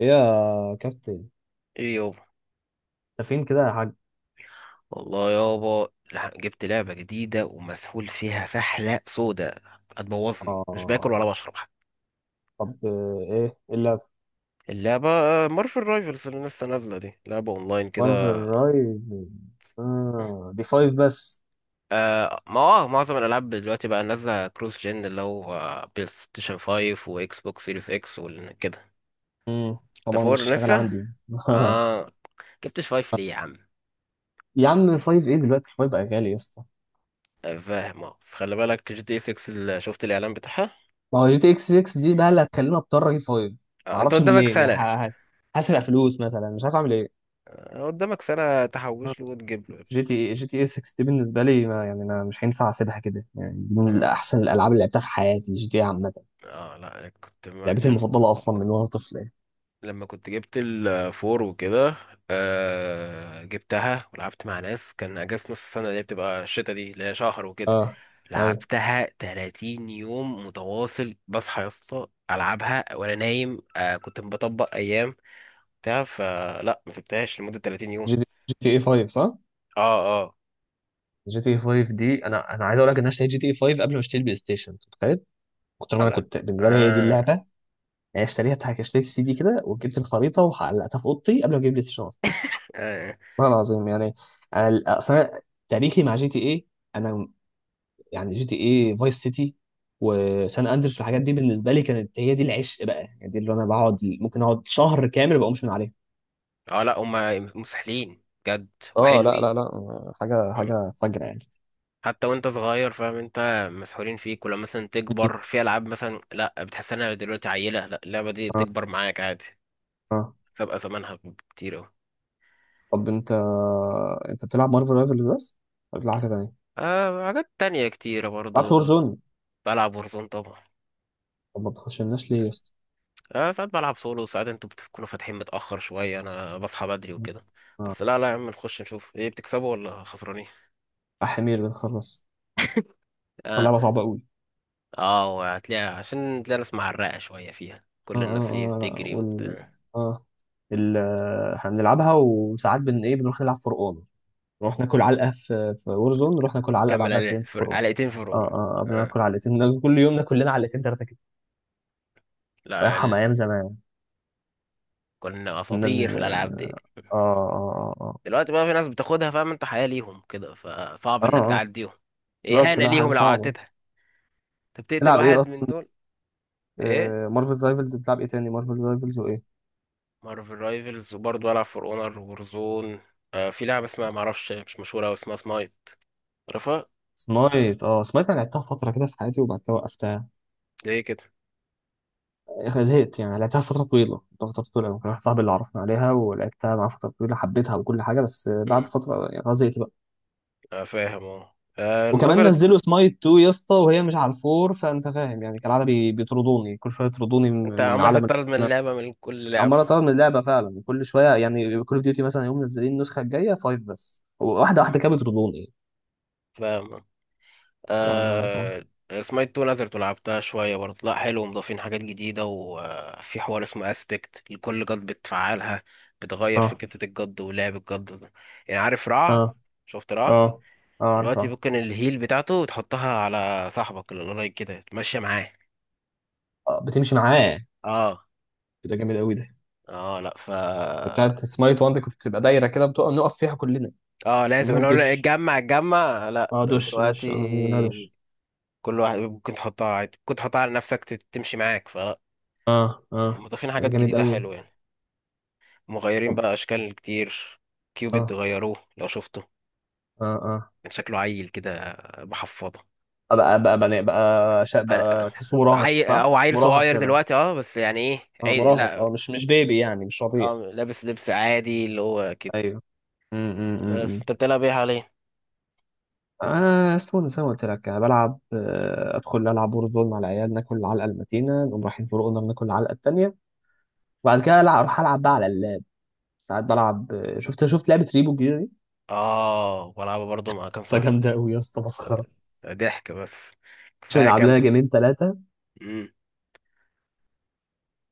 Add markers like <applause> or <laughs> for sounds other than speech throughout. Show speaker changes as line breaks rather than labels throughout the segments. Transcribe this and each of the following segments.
إيه يا كابتن؟
ايه يابا.
انت فين كده يا حاج؟
والله يابا جبت لعبة جديدة ومسحول فيها سحلة سودة، هتبوظني، مش باكل ولا
آه.
بشرب حتى.
طب، ايه الا
اللعبة مارفل رايفلز اللي لسه نازلة دي لعبة اونلاين
وان
كده.
رايف. آه دي فايف بس.
آه ما آه، معظم الالعاب دلوقتي بقى نازلة كروس جن، اللي هو بلاي ستيشن 5 واكس بوكس سيريس اكس وكده.
مم.
انت
طبعا مش
فور
هشتغل
لسه؟
عندي <laughs>
اه. جبتش 5 ليه يا عم؟
يا عم فايف ايه دلوقتي؟ فايف بقى غالي يا اسطى.
فاهم، اه، بس خلي بالك جي تي 6 اللي شفت الاعلان بتاعها.
ما هو جي تي اكس 6 دي بقى اللي هتخليني اضطر اجيب فايف.
آه انت
معرفش
قدامك
منين يعني
سنة.
هسرق فلوس مثلا، مش عارف اعمل ايه.
قدامك سنة تحوش له وتجيب له.
جي تي اي 6 دي بالنسبه لي، ما يعني انا مش هينفع اسيبها كده يعني، دي من
اه
احسن الالعاب اللي لعبتها في حياتي، جي تي اي عامه.
اه، لا أنا كنت ما
لعبتي
كان.
المفضله اصلا من وانا طفل يعني.
لما كنت جبت الفور وكده آه جبتها ولعبت مع ناس، كان اجازة نص السنة، اللي هي بتبقى الشتا دي، اللي هي شهر وكده.
اه، اي،
لعبتها 30 يوم متواصل، بصحى يا اسطى العبها وانا نايم. آه كنت بطبق ايام بتاع فلا، ما سبتهاش لمدة 30 يوم.
جي تي اي 5 صح؟
اه اه،
جي تي اي 5 دي، انا عايز اقول لك ان انا اشتريت جي تي اي 5 قبل ما اشتري البلاي ستيشن، أنت متخيل؟ كنت، ما انا
على
كنت بالنسبه لي هي دي اللعبه.
اه
يعني اشتريها اشتريت السي دي كده وجبت الخريطه وعلقتها في اوضتي قبل ما اجيب البلاي ستيشن اصلا.
اه, آه
والله العظيم يعني. انا اصلا تاريخي مع جي تي اي، انا يعني جي تي اي فايس سيتي وسان اندرس والحاجات دي بالنسبه لي كانت هي دي العشق بقى يعني، دي اللي انا بقعد، ممكن اقعد شهر كامل ما بقومش من عليها.
آه، لا هما مسحلين جد
اه، لا لا
وحلوين.
لا، حاجه حاجه فجره يعني.
حتى وانت صغير فاهم انت مسحولين فيك، ولما مثلا تكبر في العاب مثلا لا بتحس انها دلوقتي عيله، لا اللعبه دي
اه،
بتكبر معاك عادي.
اه.
تبقى زمانها كتير اهو.
طب انت بتلعب مارفل رايفل بس ولا بتلعب حاجه تانية؟ ما
آه حاجات تانية كتيرة
بتلعبش
برضو.
وور زون؟
بلعب ورزون طبعا.
طب ما بتخشلناش ليه يا اسطى؟
آه ساعات بلعب سولو، ساعات انتوا بتكونوا فاتحين متأخر شوية، انا بصحى بدري وكده.
اه،
بس لا يا عم نخش نشوف ايه بتكسبوا ولا خسرانين.
حمير بنخلص. طب
اه
لعبه صعبه قوي.
اه، هتلاقي، عشان تلاقي ناس معرقة شوية فيها،
اه،
كل الناس ايه
اه، اه، لا،
بتجري
وال،
وبتاع.
اه، ال، احنا بنلعبها وساعات بن ايه، بنروح نلعب فرقان. نروح ناكل علقه في وور زون، نروح ناكل علقه بعدها فين؟ في فرقان.
علقتين
اه،
فرعون
اه،
آه.
بناكل علقتين، كل يوم ناكل لنا علقتين ثلاثه كده. الله
لا،
يرحم ايام زمان.
كنا
كنا
اساطير
ن-،
في الالعاب دي.
اه، اه، اه،
دلوقتي بقى في ناس بتاخدها فاهم انت حياة ليهم كده، فصعب
اه،
انك
اه،
تعديهم،
بالظبط،
اهانة
لا حاجه
ليهم لو
صعبه.
عدتها. انت بتقتل
تلعب ايه؟
واحد من دول. ايه؟
مارفل رايفلز؟ بتلعب ايه تاني؟ مارفل رايفلز وايه؟
مارفل رايفلز وبرضه العب فور اونر وورزون. آه في لعبة اسمها معرفش مش مشهورة أوي، اسمها سمايت. عارفها؟
سمايت؟ اه سمايت، انا لعبتها فتره كده في حياتي وبعد كده وقفتها.
ليه كده؟
يا أخي زهقت يعني، لعبتها فتره طويله، فتره طويله أوي. كان واحد صاحبي اللي عرفنا عليها، ولعبتها معاه فتره طويله، حبيتها وكل حاجه، بس بعد
مم.
فتره يعني خلاص زهقت بقى.
آه فاهم، اه،
وكمان
نزلت.
نزلوا سمايت 2 يا اسطى وهي مش على الفور، فانت فاهم يعني كالعاده، بيطردوني كل شويه، يطردوني من
انت
من
عمال
عالم
تطرد من
ال-،
اللعبة، من كل لعبة.
عمال اطرد من اللعبه فعلا كل شويه يعني، كل اوف ديوتي مثلا يوم منزلين النسخه الجايه فايف بس، واحده
مم.
واحده كده بيطردوني.
فاهم.
ف- ف-
آه. اسمها تو نزلت ولعبتها شوية برضه، لا حلو، ومضافين حاجات جديدة، وفي حوار اسمه اسبكت لكل جد بتفعلها، بتغير في
اه،
كتة الجد ولعب الجد ده. يعني عارف رع،
اه،
شفت رع؟
اه، اه،
دلوقتي
عارفها.
ممكن الهيل بتاعته تحطها على صاحبك اللي قريب كده تمشي معاه.
آه، بتمشي معاه؟
اه
ده جامد قوي ده.
اه. لا ف،
بتاعت سمايت وان دي كنت بتبقى دايره كده بتقع، نقف فيها كلنا،
اه، لازم
منها
لو لا
الدش.
اتجمع اتجمع، لا
اه،
ده
دش دش، اه، منها دش.
دلوقتي كل واحد ممكن تحطها عادي، ممكن تحطها على نفسك تمشي معاك فلا.
اه، اه،
مضافين
ده
حاجات
جامد
جديدة
قوي.
حلوة يعني. مغيرين
طب،
بقى اشكال كتير. كيوبيد
اه،
غيروه لو شفته.
اه، اه،
كان شكله عيل كده بحفاضه. بقى-
بقى تحسه مراهق
عيل
صح؟
او عيل
مراهق
صغير
كده.
دلوقتي، اه بس يعني ايه،
اه،
عيل
مراهق،
لا،
اه، مش بيبي يعني، مش رضيع.
اه لابس لبس عادي اللي هو كده.
ايوه.
بس
امم
انت بتلعب ايه حاليا؟
انا اصلا زي ما قلت لك انا بلعب، ادخل العب ورزون مع العيال ناكل العلقه المتينه، نقوم رايحين في رقنا بناكل العلقه التانيه. وبعد كده العب، اروح العب بقى على اللاب. ساعات بلعب. شفت لعبه ريبو جير دي؟
اه بلعبها برضه، مع كام
ده
صح؟
جامده قوي يا اسطى، مسخره.
ضحك بس،
مش
كفايه
نلعب
كام.
لها جيمين ثلاثه.
مم.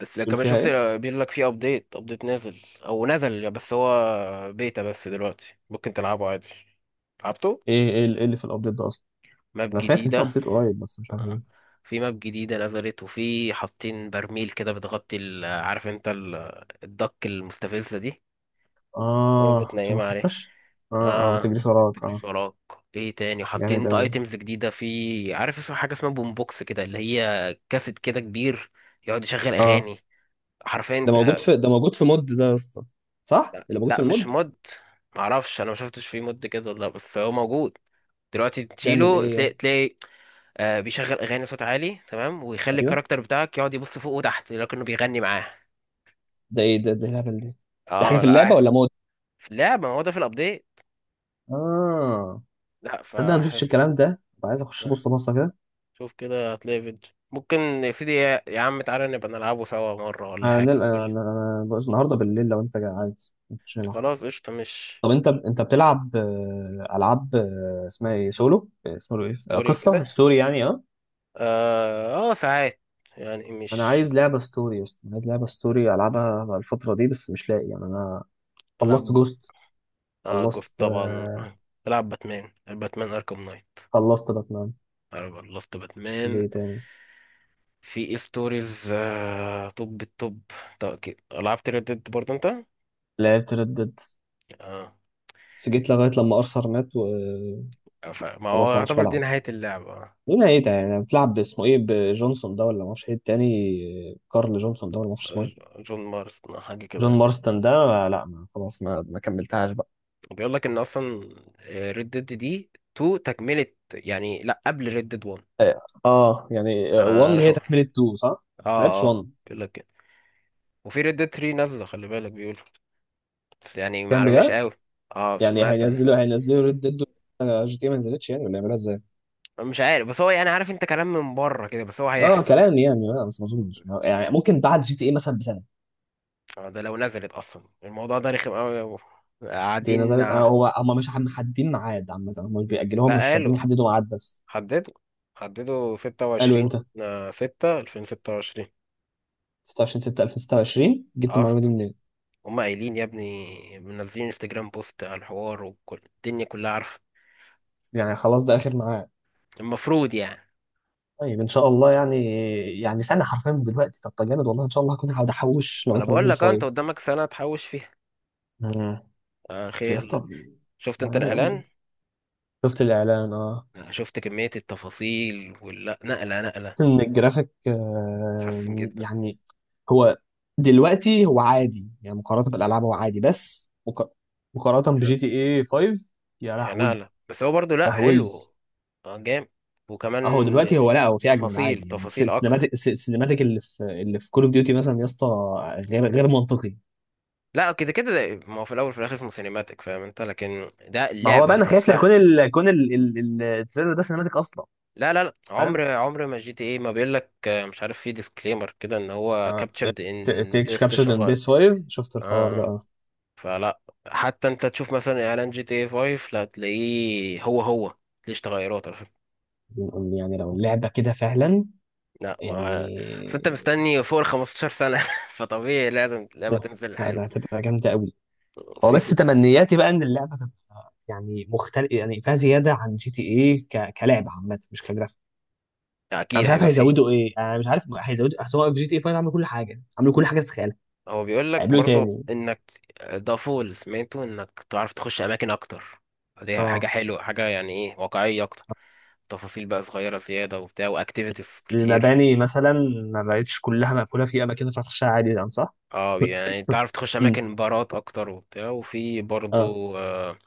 بس لو
تقول
كمان
فيها
شفت،
ايه؟
بيقول لك في ابديت، ابديت نازل او نزل، بس هو بيتا، بس دلوقتي ممكن تلعبه عادي. لعبته.
ايه ايه اللي إيه اللي في الابديت ده اصلا؟
ماب
انا سمعت ان في
جديده.
ابديت قريب بس مش عارف
آه.
ايه.
في ماب جديدة نزلت، وفي حاطين برميل كده بتغطي عارف انت الدك المستفزة دي،
اه، عشان
بتنيم
ما
عليه.
تنطش. اه، اه، ما
اه.
تجريش وراك، اه.
شراك. ايه تاني حاطين،
جامد
انت
قوي.
ايتمز جديدة في، عارف اسمها، حاجة اسمها بوم بوكس كده اللي هي كاسيت كده كبير، يقعد يشغل
اه،
اغاني حرفيا
ده موجود
انت.
في ده موجود في مود ده يا اسطى؟ صح؟ اللي موجود
لا
في
مش
المود؟
مود، معرفش، انا ما شفتش فيه مود كده ولا لأ، بس هو موجود دلوقتي،
بيعمل
تشيله
ايه يعني؟
تلاقي. آه بيشغل اغاني صوت عالي تمام، ويخلي
ايوه.
الكاركتر بتاعك يقعد يبص فوق وتحت لكنه بيغني معاه.
ده ايه ده اللعبه دي؟ دي حاجه
اه
في اللعبه
لا
ولا مود؟
في اللعبه، ما هو ده في الابديت.
اه،
لا ف.
تصدق انا ما شفتش الكلام ده، بقى عايز اخش
لا.
ابص بصه كده.
شوف كده هتلاقي فيديو ممكن. يا سيدي، يا عم تعالى نبقى نلعبه سوا مره ولا حاجه،
هنلقى. أنا
قول.
أنا بص النهاردة بالليل لو أنت عايز. مش هنلعب؟
خلاص قشطه. مش
طب أنت بتلعب، ألعاب، اسمها إيه سولو، اسمه إيه،
ستوري
قصة
وكده؟
ستوري يعني،
اه اه ساعات، يعني
أنا
مش.
عايز لعبة ستوري يا اسطى، أنا عايز لعبة ستوري ألعبها بقى الفترة دي بس مش لاقي يعني. أنا خلصت
العب،
جوست.
اه جوست
خلصت،
طبعا آه. العب باتمان، باتمان اركم نايت.
خلصت باتمان.
العب لاست باتمان.
ليه تاني؟
في ايه ستوريز طب الطب، طب أكيد. لعبت ريد ديد برضه انت؟
لعبت ريد ديد
اه.
بس جيت لغاية لما أرثر مات وخلاص،
ما
ما
هو
عادش
يعتبر دي
بلعب.
نهاية اللعبة آه.
ليه نهايتها يعني بتلعب باسمه إيه، بجونسون ده ولا ما أعرفش إيه التاني، كارل جونسون ده، ولا ما أعرفش اسمه إيه،
جون مارس حاجة
جون
كده.
مارستون ده، لا ما خلاص ما كملتهاش بقى.
بيقول لك ان اصلا ريد ديد دي 2، تكملة يعني، لا قبل ريد ديد 1.
اه، يعني
انا أنا
1 هي
حق-
تكملة 2 صح؟ ما لعبتش
اه اه
1.
بيقول لك كده. وفي ريد ديد 3 نازلة خلي بالك، بيقولوا، بس يعني
كان
معلومناش
بجد؟
قوي. اه
يعني
سمعت انا.
هينزلوا ريد ديد؟ جي تي إيه ما نزلتش يعني، ولا يعملوها ازاي؟
مش عارف بس هو، يعني عارف انت كلام من بره كده، بس هو
اه،
هيحصل.
كلام يعني، لا بس ما اظنش يعني، ممكن بعد جي تي اي مثلا بسنة.
اه ده لو نزلت اصلا، الموضوع ده رخم قوي يا ابو.
جي تي اي
قاعدين.
نزلت، آه،
لا
هو هم مش محددين ميعاد عامة، هم مش بيأجلوهم، مش
قالوا،
راضيين يحددوا ميعاد بس.
حددوا حددوا
قالوا
26
امتى؟
6 2026.
26 6 2026. جبت المعلومة دي
اصلا
منين؟
هم قايلين يا ابني، منزلين انستجرام بوست على الحوار وكل الدنيا كلها عارفه.
يعني خلاص ده آخر ميعاد.
المفروض يعني.
طيب ان شاء الله يعني. يعني سنه حرفيا من دلوقتي، طب ده جامد والله. ان شاء الله هكون، هقعد احوش
ما
لغايه
انا
لما اجيب
بقول لك، اه انت
الفايف.
قدامك سنه تحوش فيها.
امم،
آه
بس يا
خير.
اسطى،
شفت انت
غالي قوي.
الاعلان؟
شفت الاعلان، اه.
شفت كميه التفاصيل، ولا نقله،
شفت ان الجرافيك،
حسن جدا.
يعني هو دلوقتي هو عادي يعني مقارنه بالالعاب هو عادي، بس مقارنه بجي تي اي 5، يا
هي
لهوي،
نقلة، بس هو برضو لا
لهوي.
حلو. اه جامد.
اهو
وكمان
دلوقتي هو، لا هو في اجمل
تفاصيل
عادي يعني،
تفاصيل اكتر.
السينماتيك اللي في كول اوف ديوتي مثلا يا اسطى، غير، غير منطقي.
لا كده كده، ده- ما هو في الاول وفي الاخر اسمه سينماتيك، فاهم انت، لكن ده
ما هو
اللعبة
بقى انا
ذات
خايف لا
نفسها.
التريلر ده سينماتيك اصلا.
لا عمر،
فاهم،
عمر ما جي تي ايه، ما بيقول لك مش عارف، في ديسكليمر كده ان هو
آه،
كابتشرد ان
تيك
بلاي
كابشرد
ستيشن
ان
5.
بيس 5، شفت الحوار ده.
اه
آه.
فلا حتى انت تشوف مثلا اعلان جي تي اي 5 لا تلاقيه، هو ليش تغيرات على فكرة.
بنقول يعني لو اللعبه كده فعلا
لا
يعني.
ما، اصل انت مستني فوق ال 15 سنة <laughs> فطبيعي لازم لعبة
ده،
تنزل
لا ده
حلوة.
هتبقى جامده قوي. هو
في
بس
في
تمنياتي بقى ان اللعبه تبقى يعني مختلف يعني، فيها زياده عن جي تي ايه، كلعبه عامه مش كجرافيك. انا
اكيد
مش عارف
هيبقى فيه.
هيزودوا ايه، انا مش عارف هيزودوا، اصل هو في جي تي ايه 5 عملوا كل حاجه، عملوا كل حاجه تتخيلها.
هو بيقول لك
هيعملوا ايه
برضو
تاني؟
انك، ده فول سمعته، انك تعرف تخش اماكن اكتر، دي حاجه
اه،
حلوه، حاجه يعني ايه، واقعيه اكتر، تفاصيل بقى صغيره زياده وبتاع، واكتيفيتيز كتير.
المباني مثلا ما بقتش كلها مقفولة؟ في أماكن ينفع تخشها عادي يعني، صح؟
اه يعني تعرف تخش
<laughs> مم.
اماكن بارات اكتر وبتاع، وفي
اه،
برضو آه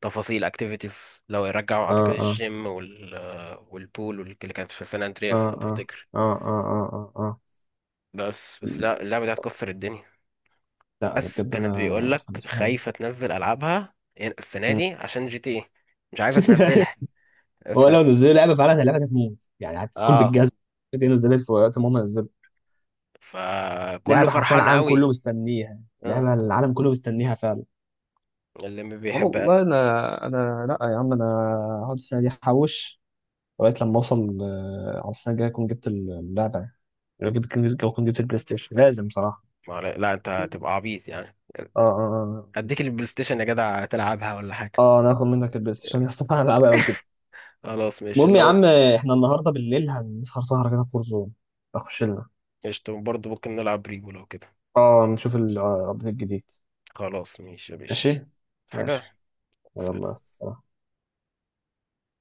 تفاصيل اكتيفيتيز لو رجعوا
اه،
اعتقد
اه،
الجيم وال آه، والبول واللي كانت في سان
اه،
اندرياس لو
اه،
تفتكر.
اه، اه، اه، اه،
بس لا
اه.
اللعبه دي هتكسر الدنيا.
لا ده
بس
بجد انا
كانت بيقول لك
متحمس لها.
خايفة تنزل ألعابها يعني السنة
مم.
دي عشان جي تي ايه، مش عايزة تنزلها.
<laughs>
ف،
هو لو نزلوا لعبه فعلا، اللعبه دي هتموت يعني، هتكون
اه
بالجزم. دي نزلت في وقت ما هم نزلوا
فكله
لعبه حرفيا
فرحان
العالم كله
قوي.
مستنيها،
اه
لعبه
ك-
العالم كله مستنيها فعلا.
اللي ما بيحبها.
والله انا لا يا عم، انا هقعد السنه دي احوش لغايه لما اوصل، على السنه الجايه اكون جبت اللعبه يعني. لو جبت، لو كنت جبت البلاي ستيشن لازم صراحه.
ما علي- لا انت
اه،
هتبقى عبيط يعني.
اه، اه،
اديك
بس
البلاي ستيشن يا جدع تلعبها ولا حاجة.
اه، انا هاخد منك البلاي ستيشن <laughs> يا اسطى انا هلعبها لو كده.
خلاص ماشي
المهم يا
لو.
عم احنا النهارده بالليل هنسهر سهره كده في فورزون، اخش لنا.
قشطة برضه ممكن نلعب ريبو لو كده.
اه نشوف الابديت الجديد.
خلاص ماشي يا باشي.
ماشي.
حاجة.
ماشي. يلا
سلام.
السلام.